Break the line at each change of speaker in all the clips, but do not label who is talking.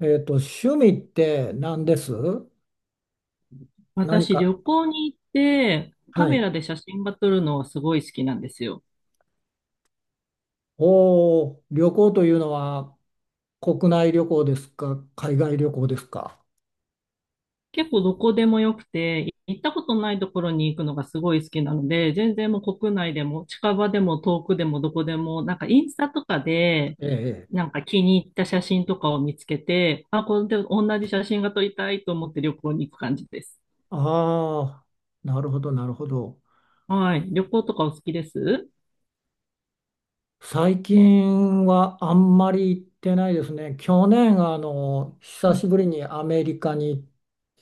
趣味って何です？何
私、
か、
旅行に行って、カ
は
メ
い。
ラで写真が撮るのはすごい好きなんですよ。
おお、旅行というのは国内旅行ですか、海外旅行ですか。
結構どこでもよくて、行ったことないところに行くのがすごい好きなので、全然もう国内でも近場でも遠くでもどこでも、インスタとかで、
ええ。
気に入った写真とかを見つけて、あ、これで同じ写真が撮りたいと思って旅行に行く感じです。
ああ、なるほど、なるほど。
はい。旅行とかお好きです
最近はあんまり行ってないですね。去年、
う
久
ん。
しぶりにアメリカに、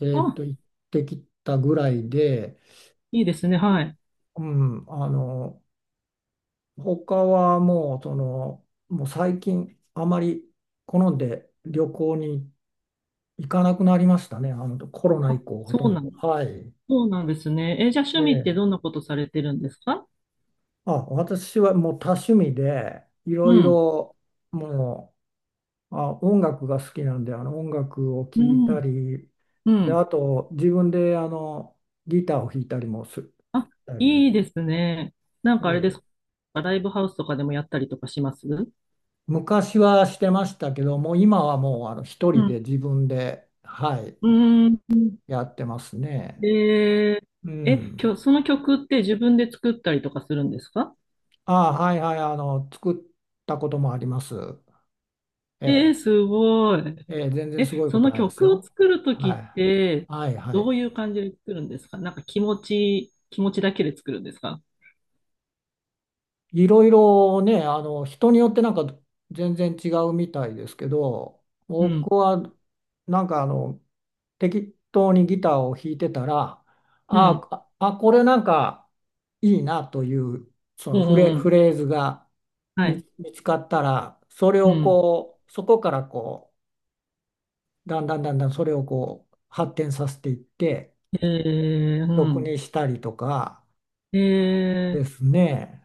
あ、
行ってきたぐらいで、
いいですね。はい。
うん、他はもう、もう最近、あまり好んで旅行に行かなくなりましたね。コロナ以
あ、
降、ほとんど。はい。
そうなんですね。え、じゃあ趣
え
味って
え。
どんなことされてるんですか
あ、私はもう多趣味で、いろ
う
い
ん、
ろ、もう、あ、音楽が好きなんで、音楽を
う
聴いた
ん、
り、
う
で、
ん。
あと、自分で、ギターを弾いたりもす
あ、
たり、
いいですね。
え
あれです
え。
か、ライブハウスとかでもやったりとかしますう
昔はしてましたけど、もう今はもう、一人で
ん。
自分で、は
う
い。
ーん。
やってますね。
えー、
う
え、
ん。
その曲って自分で作ったりとかするんですか
ああ、はいはい、作ったこともあります。え
えー、
え、
すごい。
ええ、全然す
え、
ごいこ
そ
と
の
ないです
曲を
よ。
作ると
は
きって、
い。はいは
どう
い。
いう感じで作るんですか気持ちだけで作るんですか
いろいろね、人によってなんか全然違うみたいですけど、
う
僕
ん、
はなんか適当にギターを弾いてたら、あ
うん、
あ、あ、これなんかいいなという、そ
う
の
ん、う
フレ、
ん、う
フ
ん
レーズが
はい、
見つかったら、それ
う
を
ん。
こう、そこからこう、だんだんだんだんそれをこう、発展させていって、
えー、う
曲
ん。
にしたりとか
え
で
ー
すね。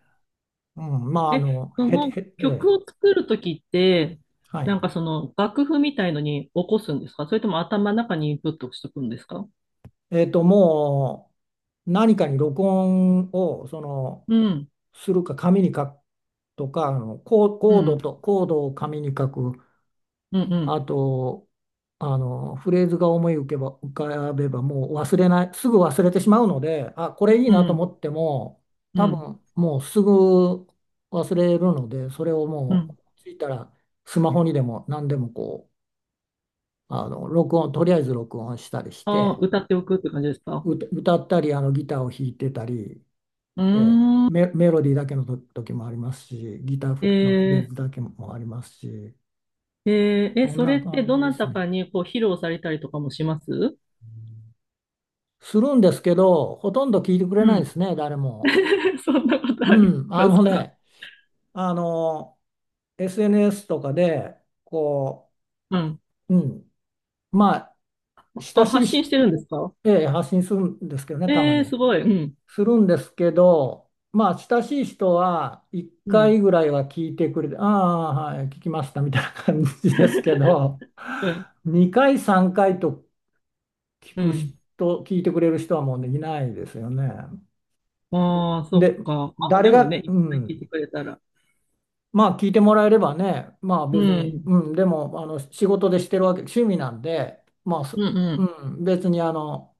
うん、まあ、あ
え、
の、
そ
へ、へ、
の
え
曲
え、
を作るときって、
はい。
その楽譜みたいのに起こすんですかそれとも頭の中にインプットしておくんですか
もう何かに録音をその
うん、
するか紙に書くとか、
う
コード
ん、
とコードを紙に書く、
うん、う
あ
ん、
とフレーズが思い浮けば浮かべばもう忘れない、すぐ忘れてしまうので、あ、これいい
う
なと思
ん、
っても、
う
多
ん、
分もうすぐ忘れるので、それを
う
もう
ん。
ついたらスマホにでも何でもこう、録音、とりあえず録音したりし
ああ、
て。
歌っておくって感じですか
歌ったりギターを弾いてたり
う
え
ーん。
メロディーだけのと時もありますし、ギターフレのフレー
え
ズだけもありますし、
ー、えーえ、
こん
それ
な
って
感じ
ど
で
な
す
たか
ね。
にこう披露されたりとかもします
するんですけど、ほとんど聞いてくれ
う
ないで
ん。
すね、誰も。
そんなことあり
うん、
ますか
あの、SNS とかで、こ
うん。
う、うん、まあ、親
あ、
しい
発信
し、
してるんですか
ええ発信するんですけどね、たま
えー、す
に。
ごい。うん、
するんですけど、まあ、親しい人は1
うん、
回ぐらいは聞いてくれて、ああ、はい、聞きましたみたいな感じですけど、
うん、
2回、3回と聞
う
く
ん。
人、聞いてくれる人はもうできないですよね。
ああ、そっ
で、
か。あ、
誰
でもね、
が、
い
う
っぱい聞い
ん、
てくれたら。
まあ、聞いてもらえればね、まあ
う
別に、
ん。
うん、でも、仕事でしてるわけ、趣味なんで、まあ、そ
うんう
う
ん。
ん、別に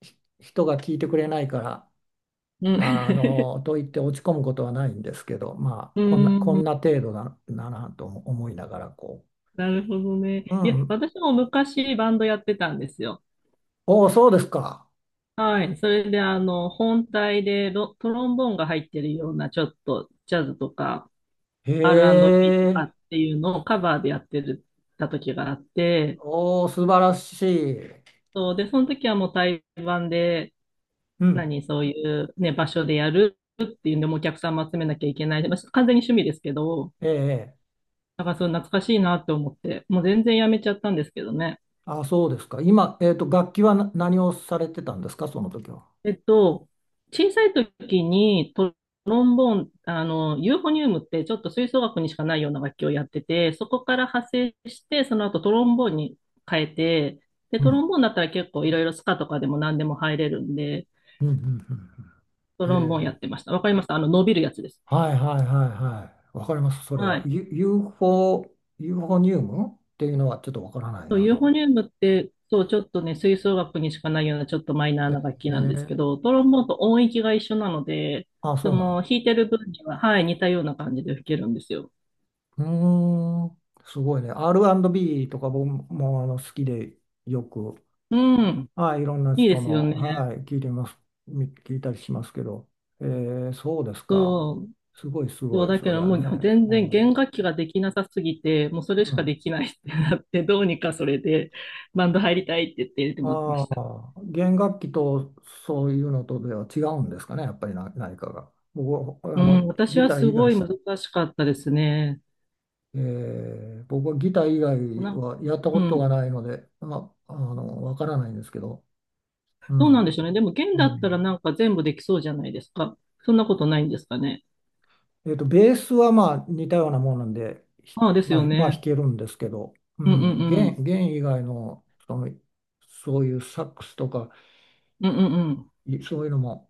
人が聞いてくれないから、
うん。
と言って落ち込むことはないんですけど、ま
う
あ、こ
ー
んな
ん。
程度だな、なと思いながら、こ
なるほど
う、う
ね。いや、
ん、
私も昔バンドやってたんですよ。
おお、そうですか。
はい。それで、あの、本体でトロンボーンが入ってるような、ちょっとジャズとか
へ
R&B とか
え、
っていうのをカバーでやってた時があって、
おお、素晴らしい。
そうで、その時はもう対バンで、
うん、
何、そういうね、場所でやるっていうんで、もうお客さんも集めなきゃいけない。まあ完全に趣味ですけど、
ええ、
なんかそう懐かしいなって思って、もう全然やめちゃったんですけどね。
あ、そうですか。今、楽器は何をされてたんですか、その時は。
えっと、小さい時にトロンボーン、あの、ユーフォニウムってちょっと吹奏楽にしかないような楽器をやってて、そこから派生して、その後トロンボーンに変えて、で、
う
ト
ん、
ロンボーンだったら結構いろいろスカとかでも何でも入れるんで、
うん、うん、うん
ト
うん
ロンボーン
へ
や
え、
ってました。わかりました。あの、伸びるやつです。
はいはいはいはい。わかります、それ
は
は。
い。
UFO、ユーフォニウムっていうのはちょっとわからない
そう、
な
ユーフ
と。
ォニウムって、そう、ちょっとね、吹奏楽にしかないようなちょっとマイナ
へ
ーな楽器なんですけ
え、
ど、トロンボーンと音域が一緒なので、
あ、
そ
そうなんだ。
の弾いてる分には、はい、似たような感じで吹けるんですよ。
うーん、すごいね。R&B とか僕もあの好きでよく、
うん、
はい、いろんな
いいで
人
す
の、
よね。
はい、聞いてます、聞いたりしますけど、えー、そうですか。
そう、
すごいす
そ
ご
う、
い、
だけ
そり
ど
ゃ
もう
ね。
全
う
然弦
ん。
楽器ができなさすぎて、もうそれ
う
しか
ん。
できないってなって、どうにかそれでバンド入りたいって言って入れてもらってま
あ
した。
あ、弦楽器とそういうのとでは違うんですかね、やっぱり何かが。僕は
う
あの
ん、私
ギ
は
ター
す
以外
ごい
し、
難しかったですね。
えー、僕はギター以外
な、
はやった
う
ことが
ん。
ないので、まあ、わからないんですけど。う
どう
ん。
なんでしょうね。でも、弦
う
だったら
ん。
なんか全部できそうじゃないですか。そんなことないんですかね。
ベースはまあ似たようなものなんで、
ああ、です
まあ、
よ
まあ
ね。
弾けるんですけど、う
うんうん
ん、
うん。
弦以外の、そういうサックスとか、
うんうんうん。
いそういうのも、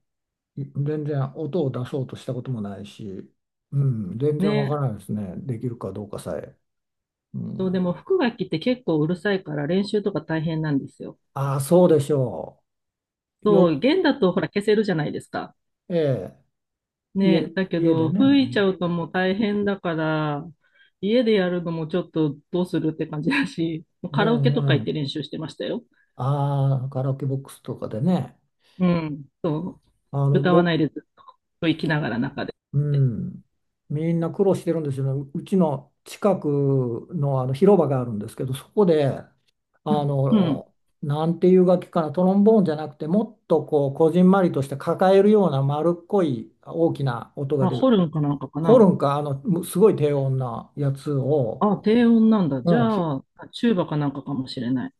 い全然音を出そうとしたこともないし、うん、全然わか
ね。
らないですね。できるかどうかさえ。う
そう、でも、
ん、
副楽器って結構うるさいから練習とか大変なんですよ。
ああ、そうでしょう。
そ
よ、
う、弦だとほら消せるじゃないですか。
ええ、家、
ね。だけ
家で
ど、
ね。う
吹いちゃ
ん。
うともう大変だから、家でやるのもちょっとどうするって感じだし、もう
ね
カラ
え
オケとか行
ね
って
え、
練習してましたよ。
ああ、カラオケボックスとかでね。
うん。
あの、
歌わ
ぼ、
ないでずっと生きながら中で。
うん、みんな苦労してるんですよね。うちの近くの、あの広場があるんですけど、そこで、
うん。うん。
の、なんていう楽器かな、トロンボーンじゃなくて、もっとこう、こじんまりとして抱えるような丸っこい大きな音が
まあ、
出
ホ
る。
ルンかなんかか
ホ
な。
ルンか、すごい低音なやつを、
あ、低音なんだ。じ
うん、
ゃあ、チューバかなんかかもしれない。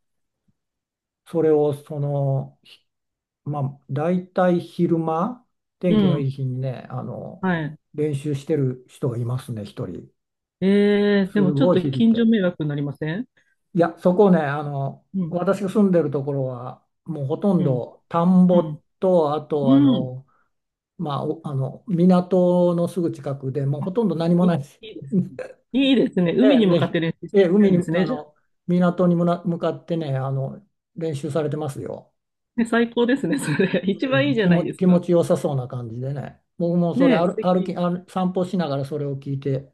それを、まあ、大体昼間、天
う
気の
ん。
いい日にね、
はい。
練習してる人がいますね、一人。
ええ
す
でもちょっ
ごい
と
響い
近所
て。
迷惑になりません
いや、そこね、
うん。
私が住んでるところは、もうほとん
うん。
ど田ん
う
ぼ
ん。
と、あと、
うん。
まあ、おあの、港のすぐ近くで、もうほ
あ、
とんど何もないです。
いいですね。いいですね。海
で、
に向かっ
で、
て練習し
で
て
海
るん
に、
ですね、じゃあ。
港に向かってね、練習されてますよ。
ね、最高ですね、それ。一
う
番い
ん、
いじゃないです
気持
か。
ちよさそうな感じでね。僕もそれ
ねえ、素
歩き、
敵。
散歩しながらそれを聞いて、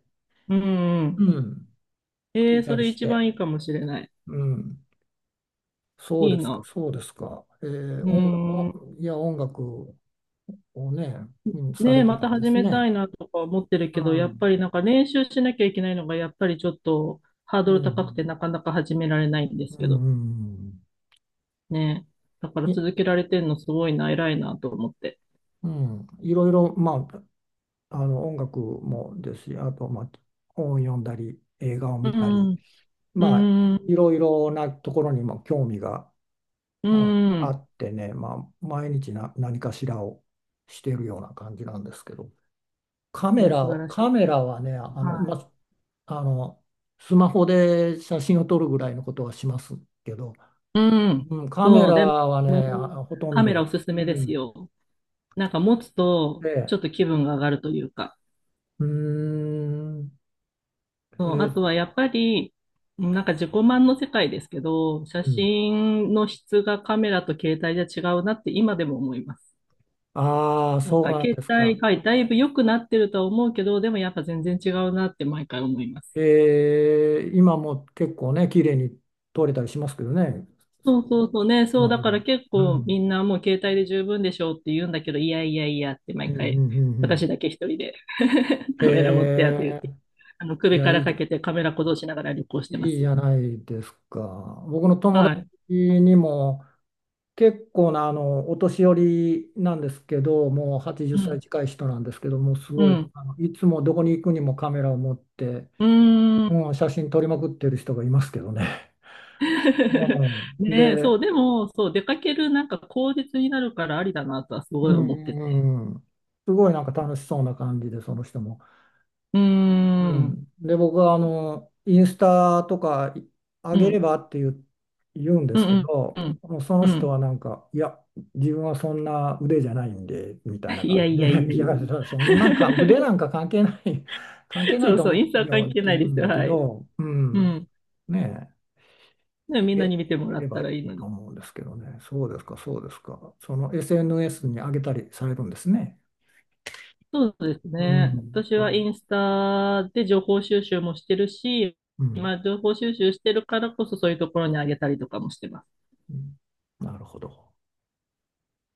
うんう
う
ん。
ん、聞
え
い
え
た
そ
り
れ
し
一
て、
番いいかもしれない。
うん。そう
い
で
い
すか、
な。
そうですか。えー、
うーん。
音楽をね、うん、さ
ね
れ
え、
て
ま
た
た
んで
始
す
めた
ね。
いなとか思ってる
う
けど、やっぱ
ん、
りなんか練習しなきゃいけないのが、やっぱりちょっとハー
う
ドル高く
ん、
てなかなか始められないんです
う
けど、
ん、
ねえ。だから
い、
続けられてんのすごいな、偉いなと思って。
うん、いろいろ、まあ、あの音楽もですし、あと、まあ、本を読んだり、映画を
う
見たり、
ん、う
まあ、
ん、
いろいろなところにも興味が、
う
うん、あ
ん。
ってね、まあ、毎日何かしらをしているような感じなんですけど、
いや、素晴らしい。
カメラはね、ま
は
ああの、スマホで写真を撮るぐらいのことはしますけど、
い。うん。
うん、カメ
そう、
ラ
で
は
も、
ね、ほとん
カメラお
ど、
すす
う
めです
ん、
よ。なんか持つと、ちょ
で、
っと気分が上がるというか。
うーん、え
そう、あと
ー
はやっぱり、なんか自己満の世界ですけど、写
うん、
真の質がカメラと携帯じゃ違うなって今でも思います。
ああ、
なん
そう
か
なんで
携
すか。
帯、はい、だいぶ良くなってるとは思うけど、でもやっぱ全然違うなって毎回思いま
え
す。
ー今も結構ね、綺麗に撮れたりしますけどね、
そうそうそうね、
ス
そう
マ
だ
ホ
か
で。
ら結
う
構
ん、
みんなもう携帯で十分でしょうって言うんだけど、いやいやいやって
うん、
毎
うん、
回
うん。う
私
ん
だけ一人で
へ
カメラ持ってやって言っ
え、
て、あの
い
首
や、
か
い
ら
い
か
じゃん。
けてカメラ鼓動しながら旅行してま
いいじ
す。
ゃないですか。僕の友
は
達
い。
にも結構なお年寄りなんですけど、もう80
う
歳
ん。
近い人なんですけど、もうす
う
ごい、
ん。
いつもどこに行くにもカメラを持って、
うーん。
うん、写真撮りまくってる人がいますけどね。うん、
ねえ、
で、
そう、でも、そう、出かけるなんか口実になるからありだなとはすご
う
い
ん、
思ってて。
うんうん、すごいなんか楽しそうな感じで、その人も。
うー
う
ん、
ん。で、僕はあの、インスタとかあ
う
げれ
ん、
ばって言う、言うんで
う
すけ
ん、う
ど、
ん、
もうその
う
人
ん。
はなんか、いや、自分はそんな腕じゃないんで、みたいな
いや
感じ
いやい
で、
や
い
い
や、
やい
そんなんか腕な
や。
んか関係ない、関係 な
そ
い
う
と
そう、イ
思
ンスタ
う
は
よ
関
っ
係
て
ない
言う
で
ん
すよ、
だけ
はい。
ど、う
う
ん。
ん。
ねえ、
ね
あ
みん
げ、
な
あ
に見ても
げ
ら
れ
った
ばい
らいい
い
の
と
に。
思うんですけどね。そうですか、そうですか。その SNS に上げたりされるんですね。
そうです
う
ね。
ん、
私
そ
は
う
インスタで情報収集もしてるし、
うん、
まあ、情報収集してるからこそそういうところにあげたりとかもしてます。
うんなるほど。